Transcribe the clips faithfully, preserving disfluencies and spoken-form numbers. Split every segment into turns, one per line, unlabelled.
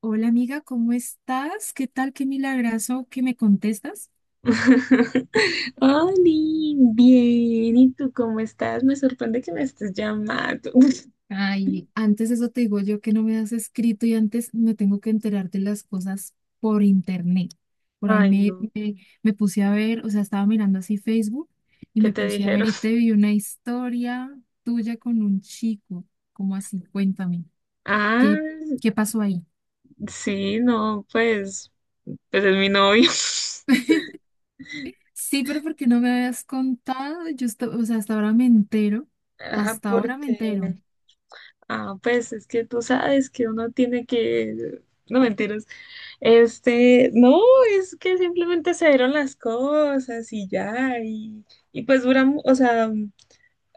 Hola amiga, ¿cómo estás? ¿Qué tal? Qué milagrazo que me contestas.
Oli, bien, ¿y tú cómo estás? Me sorprende que me estés llamando.
Ay, antes eso te digo yo que no me has escrito y antes me tengo que enterar de las cosas por internet. Por ahí
Ay,
me,
no,
me, me puse a ver, o sea, estaba mirando así Facebook y
¿qué
me
te
puse a ver
dijeron?
y te vi una historia tuya con un chico. ¿Cómo así? Cuéntame, ¿qué,
Ah,
¿qué pasó ahí?
sí, no, pues, pues es mi novio.
Sí, pero porque no me habías contado, yo, esto- o sea, hasta ahora me entero,
Ah,
hasta ahora me
porque,
entero.
ah, pues es que tú sabes que uno tiene que, no mentiras, este, no, es que simplemente se dieron las cosas y ya, y, y pues duramos, o sea,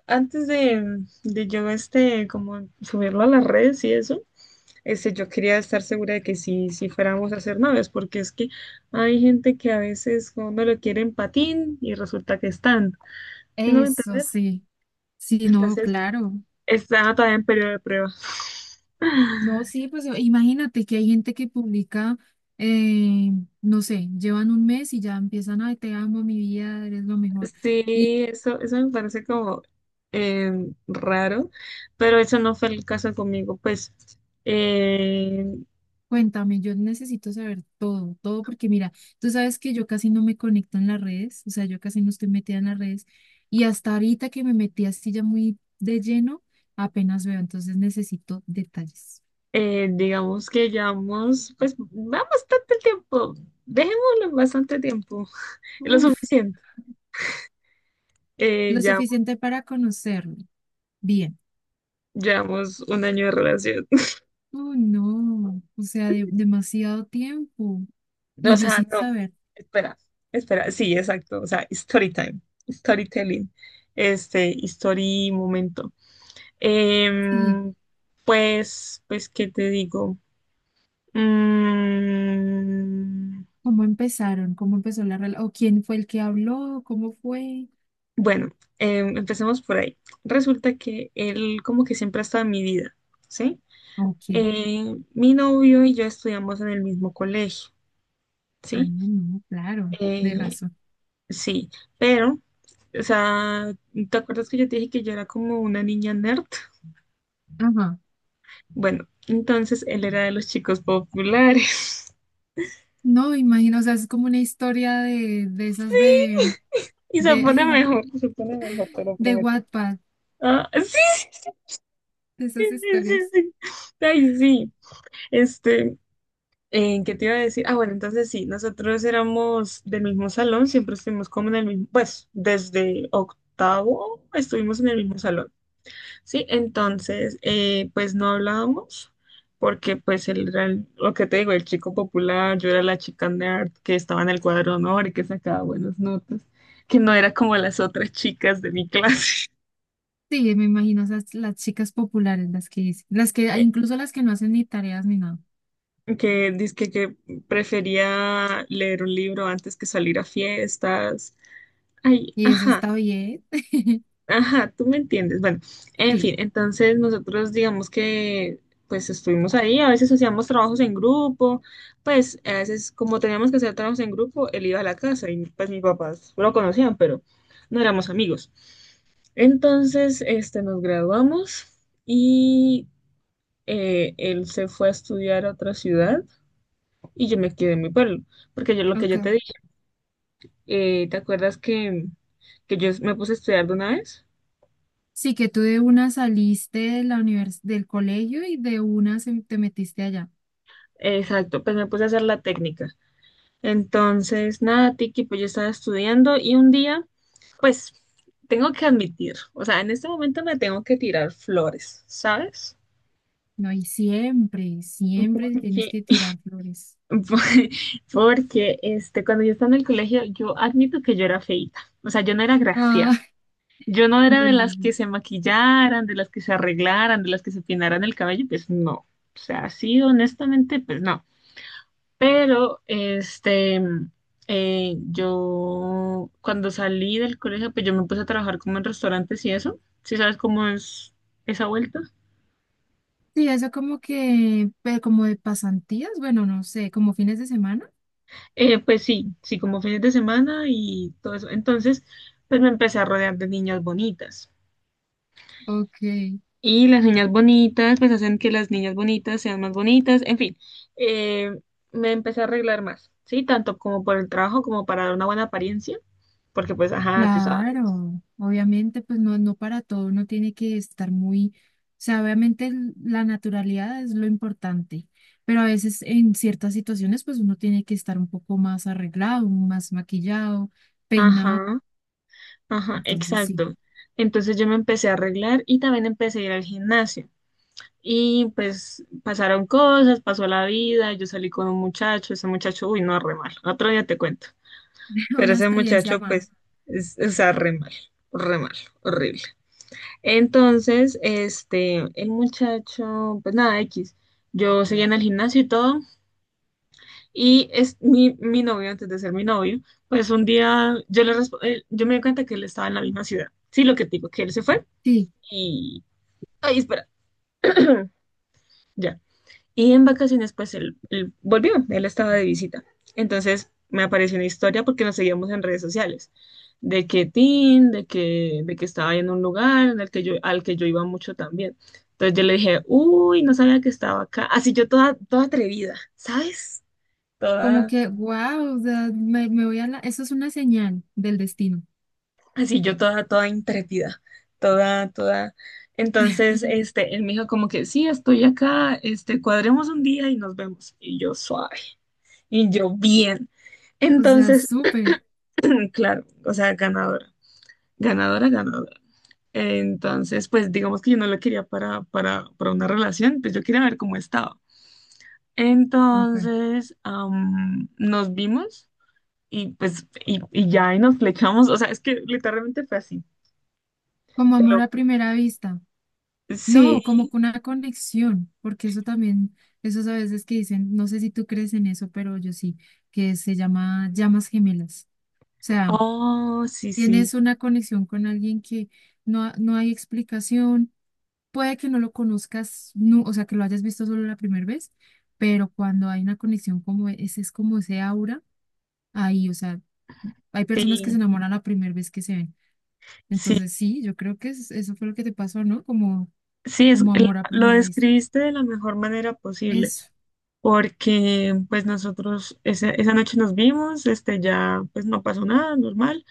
antes de, de yo, este, como subirlo a las redes y eso. Este, yo quería estar segura de que sí, sí fuéramos a ser novios, porque es que hay gente que a veces uno lo quiere en patín y resulta que están. ¿Sí me voy a
Eso
entender?
sí. Sí, no,
Entonces,
claro.
está todavía en periodo de prueba.
No, sí, pues imagínate que hay gente que publica, eh, no sé, llevan un mes y ya empiezan, ay, te amo, mi vida, eres lo mejor. Y
Sí, eso, eso me parece como eh, raro, pero eso no fue el caso conmigo, pues eh,
cuéntame, yo necesito saber todo, todo, porque mira, tú sabes que yo casi no me conecto en las redes, o sea, yo casi no estoy metida en las redes. Y hasta ahorita que me metí así ya muy de lleno, apenas veo, entonces necesito detalles.
eh, digamos que llevamos, pues va bastante tiempo, dejémoslo en bastante tiempo, lo
Uf,
suficiente. Eh,
lo
ya
suficiente para conocerme. Bien.
llevamos un año de relación.
Oh no, o sea, de- demasiado tiempo.
O
Y yo
sea,
sin
no.
saber,
Espera, espera. Sí, exacto. O sea, story time, storytelling, este, story momento.
sí,
Em, pues, pues, ¿qué te digo? Mm,
cómo empezaron, cómo empezó la relación, o quién fue el que habló, cómo fue.
bueno, em, empecemos por ahí. Resulta que él como que siempre ha estado en mi vida, ¿sí?
Ok,
Eh, mi novio y yo estudiamos en el mismo colegio,
ah,
¿sí?
no, claro, de
Eh,
razón.
sí, pero o sea, ¿te acuerdas que yo te dije que yo era como una niña nerd?
Ajá,
Bueno, entonces él era de los chicos populares.
no, imagino, o sea, es como una historia de, de esas
Sí,
de,
y se
de,
pone
ay,
mejor, se pone mejor, te lo
de
prometo.
Wattpad,
Ah, sí,
de
sí,
esas
sí, sí,
historias.
sí, sí, sí. Ay, sí. Este, eh, ¿Qué te iba a decir? Ah, bueno, entonces sí, nosotros éramos del mismo salón, siempre estuvimos como en el mismo, pues desde octavo estuvimos en el mismo salón. Sí, entonces, eh, pues no hablábamos, porque pues él era el- lo que te digo, el chico popular, yo era la chica nerd que estaba en el cuadro de honor y que sacaba buenas notas, que no era como las otras chicas de mi clase,
Sí, me imagino, esas las chicas populares, las que dicen, las que,
que,
incluso las que no hacen ni tareas ni nada.
que dizque que prefería leer un libro antes que salir a fiestas. Ay,
Y eso
ajá.
está bien.
Ajá, tú me entiendes. Bueno, en
Sí.
fin, entonces nosotros digamos que pues estuvimos ahí, a veces hacíamos trabajos en grupo, pues a veces como teníamos que hacer trabajos en grupo, él iba a la casa y pues mis papás lo conocían, pero no éramos amigos. Entonces, este, nos graduamos y eh, él se fue a estudiar a otra ciudad y yo me quedé en mi pueblo, porque yo lo que
Ok.
yo te dije, eh, ¿te acuerdas que, que yo me puse a estudiar de una vez?
Sí, que tú de una saliste de la univers del colegio y de una se- te metiste allá.
Exacto, pues me puse a hacer la técnica. Entonces, nada, Tiki, pues yo estaba estudiando y un día, pues tengo que admitir, o sea, en este momento me tengo que tirar flores, ¿sabes?
No, y siempre, siempre te tienes
Que-
que tirar flores.
Porque este, cuando yo estaba en el colegio, yo admito que yo era feita, o sea, yo no era graciada.
Ah,
Yo no era
no
de
digas
las
eso.
que se maquillaran, de las que se arreglaran, de las que se peinaran el cabello, pues no. O sea, así honestamente, pues no. Pero, este, mm, eh, yo cuando salí del colegio, pues yo me puse a trabajar como en restaurantes y eso. ¿Sí sabes cómo es esa vuelta?
Sí, eso como que, pero como de pasantías, bueno, no sé, como fines de semana.
Eh, pues sí, sí, como fines de semana y todo eso. Entonces, pues me empecé a rodear de niñas bonitas.
Ok.
Y las niñas bonitas, pues hacen que las niñas bonitas sean más bonitas. En fin, eh, me empecé a arreglar más, ¿sí? Tanto como por el trabajo como para dar una buena apariencia. Porque pues, ajá, tú sabes.
Claro, obviamente, pues no, no para todo, uno tiene que estar muy, o sea, obviamente el- la naturalidad es lo importante, pero a veces en ciertas situaciones, pues uno tiene que estar un poco más arreglado, más maquillado, peinado,
Ajá. Ajá,
entonces sí,
exacto. Entonces yo me empecé a arreglar y también empecé a ir al gimnasio. Y pues pasaron cosas, pasó la vida, yo salí con un muchacho, ese muchacho, uy, no, re mal. Otro día te cuento. Pero
una
ese
experiencia
muchacho,
más.
pues, es, o sea, re mal, re mal, horrible. Entonces, este, el muchacho, pues nada, X. Yo seguía en el gimnasio y todo, y es mi, mi novio, antes de ser mi novio, pues un día yo le resp- eh, yo me di cuenta que él estaba en la misma ciudad. Sí, lo que te digo, que él se fue.
Sí,
Y... Ay, espera. Ya. Y en vacaciones, pues él, él volvió, él estaba de visita. Entonces me apareció una historia porque nos seguíamos en redes sociales, de que Tim, de que, de que estaba en un lugar en el que yo, al que yo iba mucho también. Entonces yo le dije, uy, no sabía que estaba acá. Así yo toda, toda atrevida, ¿sabes?
como
Toda.
que, wow, o sea, me, me voy a la, eso es una señal del destino,
Así yo toda, toda intrépida, toda, toda. Entonces, este, él me dijo como que sí, estoy acá, este, cuadremos un día y nos vemos. Y yo suave, y yo bien.
o sea,
Entonces,
súper,
claro, o sea, ganadora, ganadora, ganadora. Entonces, pues digamos que yo no lo quería para, para, para una relación, pues yo quería ver cómo estaba.
ok,
Entonces, am, nos vimos y pues, y, y ya, y nos flechamos, o sea, es que literalmente fue así.
como
te
amor
lo-
a primera vista.
Sí,
No, como que una conexión, porque eso también, esos a veces que dicen, no sé si tú crees en eso, pero yo sí, que se llama llamas gemelas. O sea,
Oh, sí, sí,
tienes una conexión con alguien que no, ha- no hay explicación, puede que no lo conozcas, no, o sea, que lo hayas visto solo la primera vez, pero cuando hay una conexión como e, ese, es como ese aura ahí, o sea, hay personas que se
sí,
enamoran la primera vez que se ven.
sí,
Entonces, sí, yo creo que es- eso fue lo que te pasó, ¿no? Como,
sí, es,
como
el-
amor a
lo
primera vista.
describiste de la mejor manera posible,
Eso.
porque pues nosotros esa, esa noche nos vimos, este ya pues no pasó nada, normal.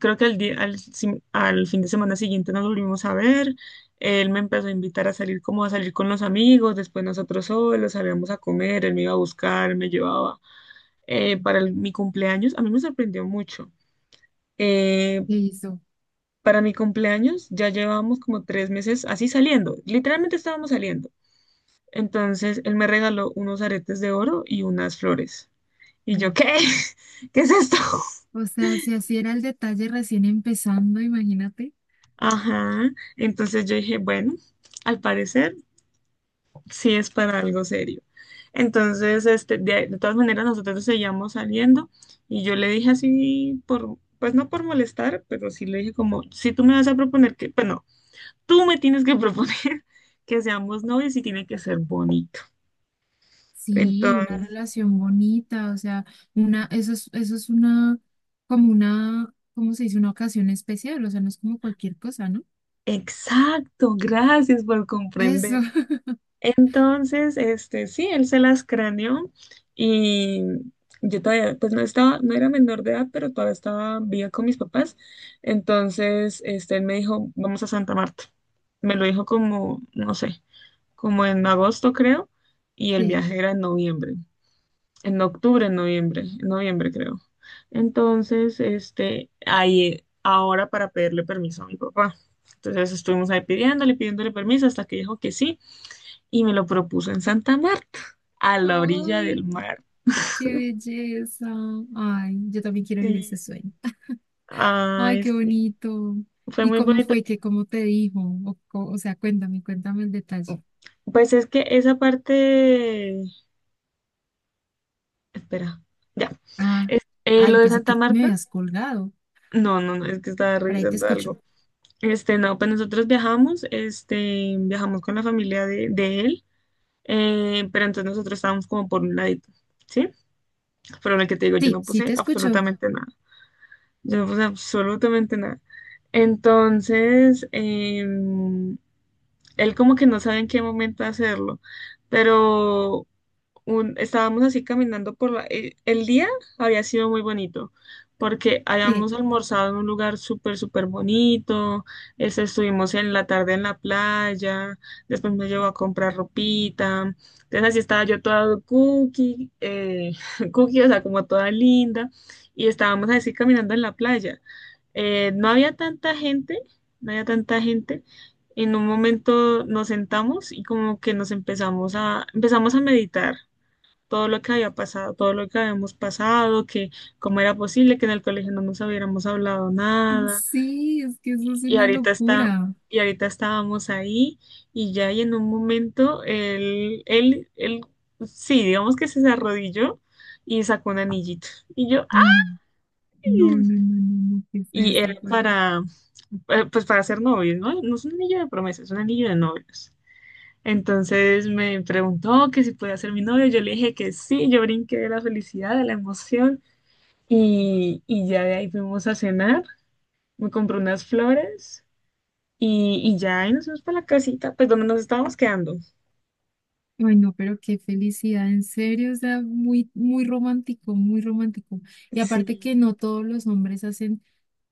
Creo que al día, al, si- al fin de semana siguiente nos volvimos a ver, él me empezó a invitar a salir como a salir con los amigos, después nosotros solos salíamos a comer, él me iba a buscar, me llevaba eh, para el- mi cumpleaños, a mí me sorprendió mucho. eh,
Que hizo.
para mi cumpleaños ya llevábamos como tres meses así saliendo, literalmente estábamos saliendo. Entonces él me regaló unos aretes de oro y unas flores. Y yo,
Mm.
¿qué? ¿Qué es esto?
O sea, si así era el detalle recién empezando, imagínate.
Ajá. Entonces yo dije, bueno, al parecer sí es para algo serio. Entonces, este, de, de todas maneras, nosotros seguíamos saliendo y yo le dije así, por, pues no por molestar, pero sí le dije como, si tú me vas a proponer que, pues no, tú me tienes que proponer que seamos novios y tiene que ser bonito.
Sí, una
Entonces,
relación bonita, o sea, una, eso es, eso es una, como una, ¿cómo se dice? Una ocasión especial, o sea, no es como cualquier cosa, ¿no?
exacto, gracias por
Eso,
comprender. Entonces, este, sí, él se las craneó y yo todavía, pues no estaba, no era menor de edad, pero todavía estaba viva con mis papás. Entonces, este, él me dijo, vamos a Santa Marta. Me lo dijo como, no sé, como en agosto creo, y el
sí.
viaje era en noviembre. En octubre, en noviembre, en noviembre creo. Entonces, este, ahí, ahora para pedirle permiso a mi papá. Entonces estuvimos ahí pidiéndole, pidiéndole permiso hasta que dijo que sí y me lo propuso en Santa Marta, a la orilla del
¡Ay,
mar.
qué belleza! Ay, yo también quiero vivir ese
Sí,
sueño. ¡Ay,
ay,
qué
sí,
bonito!
fue
¿Y
muy
cómo
bonito.
fue? ¿Qué, cómo te dijo? O, co- o sea, cuéntame, cuéntame el detalle.
Pues es que esa parte, espera, ya.
Ah,
Es- eh,
ah,
lo
yo
de
pensé
Santa
que me
Marta,
habías colgado.
no, no, no, es que estaba
Por ahí te
revisando
escucho.
algo. Este, no, pues nosotros viajamos, este, viajamos con la familia de, de él, eh, pero entonces nosotros estábamos como por un ladito, ¿sí? Pero lo que te digo, yo
Sí,
no
sí
puse
te escucho.
absolutamente nada, yo no puse absolutamente nada. Entonces, em, él como que no sabe en qué momento hacerlo, pero un- estábamos así caminando por la, eh, el día había sido muy bonito porque
Sí,
habíamos almorzado en un lugar súper, súper bonito, este, estuvimos en la tarde en la playa, después me llevó a comprar ropita, entonces así estaba yo toda cookie, eh, cookie, o sea, como toda linda, y estábamos así caminando en la playa. Eh, no había tanta gente, no había tanta gente, en un momento nos sentamos y como que nos empezamos a, empezamos a meditar todo lo que había pasado, todo lo que habíamos pasado, que cómo era posible que en el colegio no nos hubiéramos hablado nada.
sí, es que eso es
Y
una
ahorita está,
locura.
y ahorita estábamos ahí y ya y en un momento él, él, él, sí, digamos que se arrodilló y sacó un anillito. Y yo,
Mm. No,
¡ay!
no, no, no, no, ¿qué es
Y era
esto, por Dios?
para, eh, pues para ser novios, ¿no? No es un anillo de promesa, es un anillo de novios. Entonces me preguntó que si podía ser mi novio, yo le dije que sí, yo brinqué de la felicidad, de la emoción. Y, y ya de ahí fuimos a cenar, me compré unas flores y, y ya ahí nos fuimos para la casita, pues donde nos estábamos quedando.
Ay, no, pero qué felicidad, en serio, o sea, muy, muy romántico, muy romántico. Y aparte que
Sí,
no todos los hombres hacen,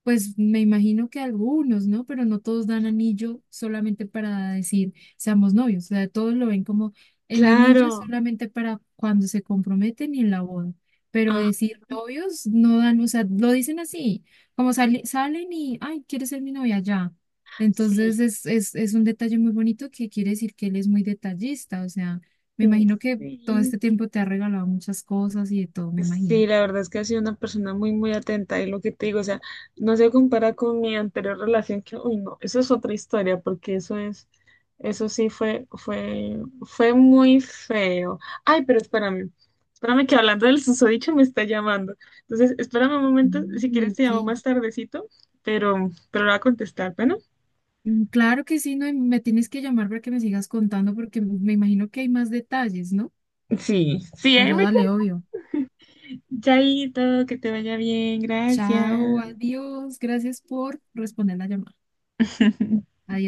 pues me imagino que algunos, ¿no? Pero no todos dan anillo solamente para decir, seamos novios, o sea, todos lo ven como el anillo es
claro.
solamente para cuando se comprometen y en la boda. Pero
Ah,
decir novios no dan, o sea, lo dicen así, como sale- salen y, ay, ¿quieres ser mi novia? Ya.
sí.
Entonces es, es, es un detalle muy bonito que quiere decir que él es muy detallista, o sea, me
mm,
imagino que todo
Sí,
este tiempo te ha regalado muchas cosas y de todo, me
Sí,
imagino.
la verdad es que ha sido una persona muy, muy atenta y lo que te digo, o sea, no se compara con mi anterior relación que, uy, no, eso es otra historia porque eso es, eso sí fue, fue, fue muy feo. Ay, pero espérame, espérame que hablando del susodicho me está llamando. Entonces, espérame un momento, si
Mm,
quieres te
ok.
llamo más tardecito, pero, pero lo voy a contestar, bueno.
Mm, claro que sí, no, y me tienes que llamar para que me sigas contando porque me imagino que hay más detalles, ¿no?
Sí, sí, ahí
Pero
voy.
dale, obvio.
Chaito, que te vaya bien,
Chao,
gracias.
adiós, gracias por responder la llamada. Adiós.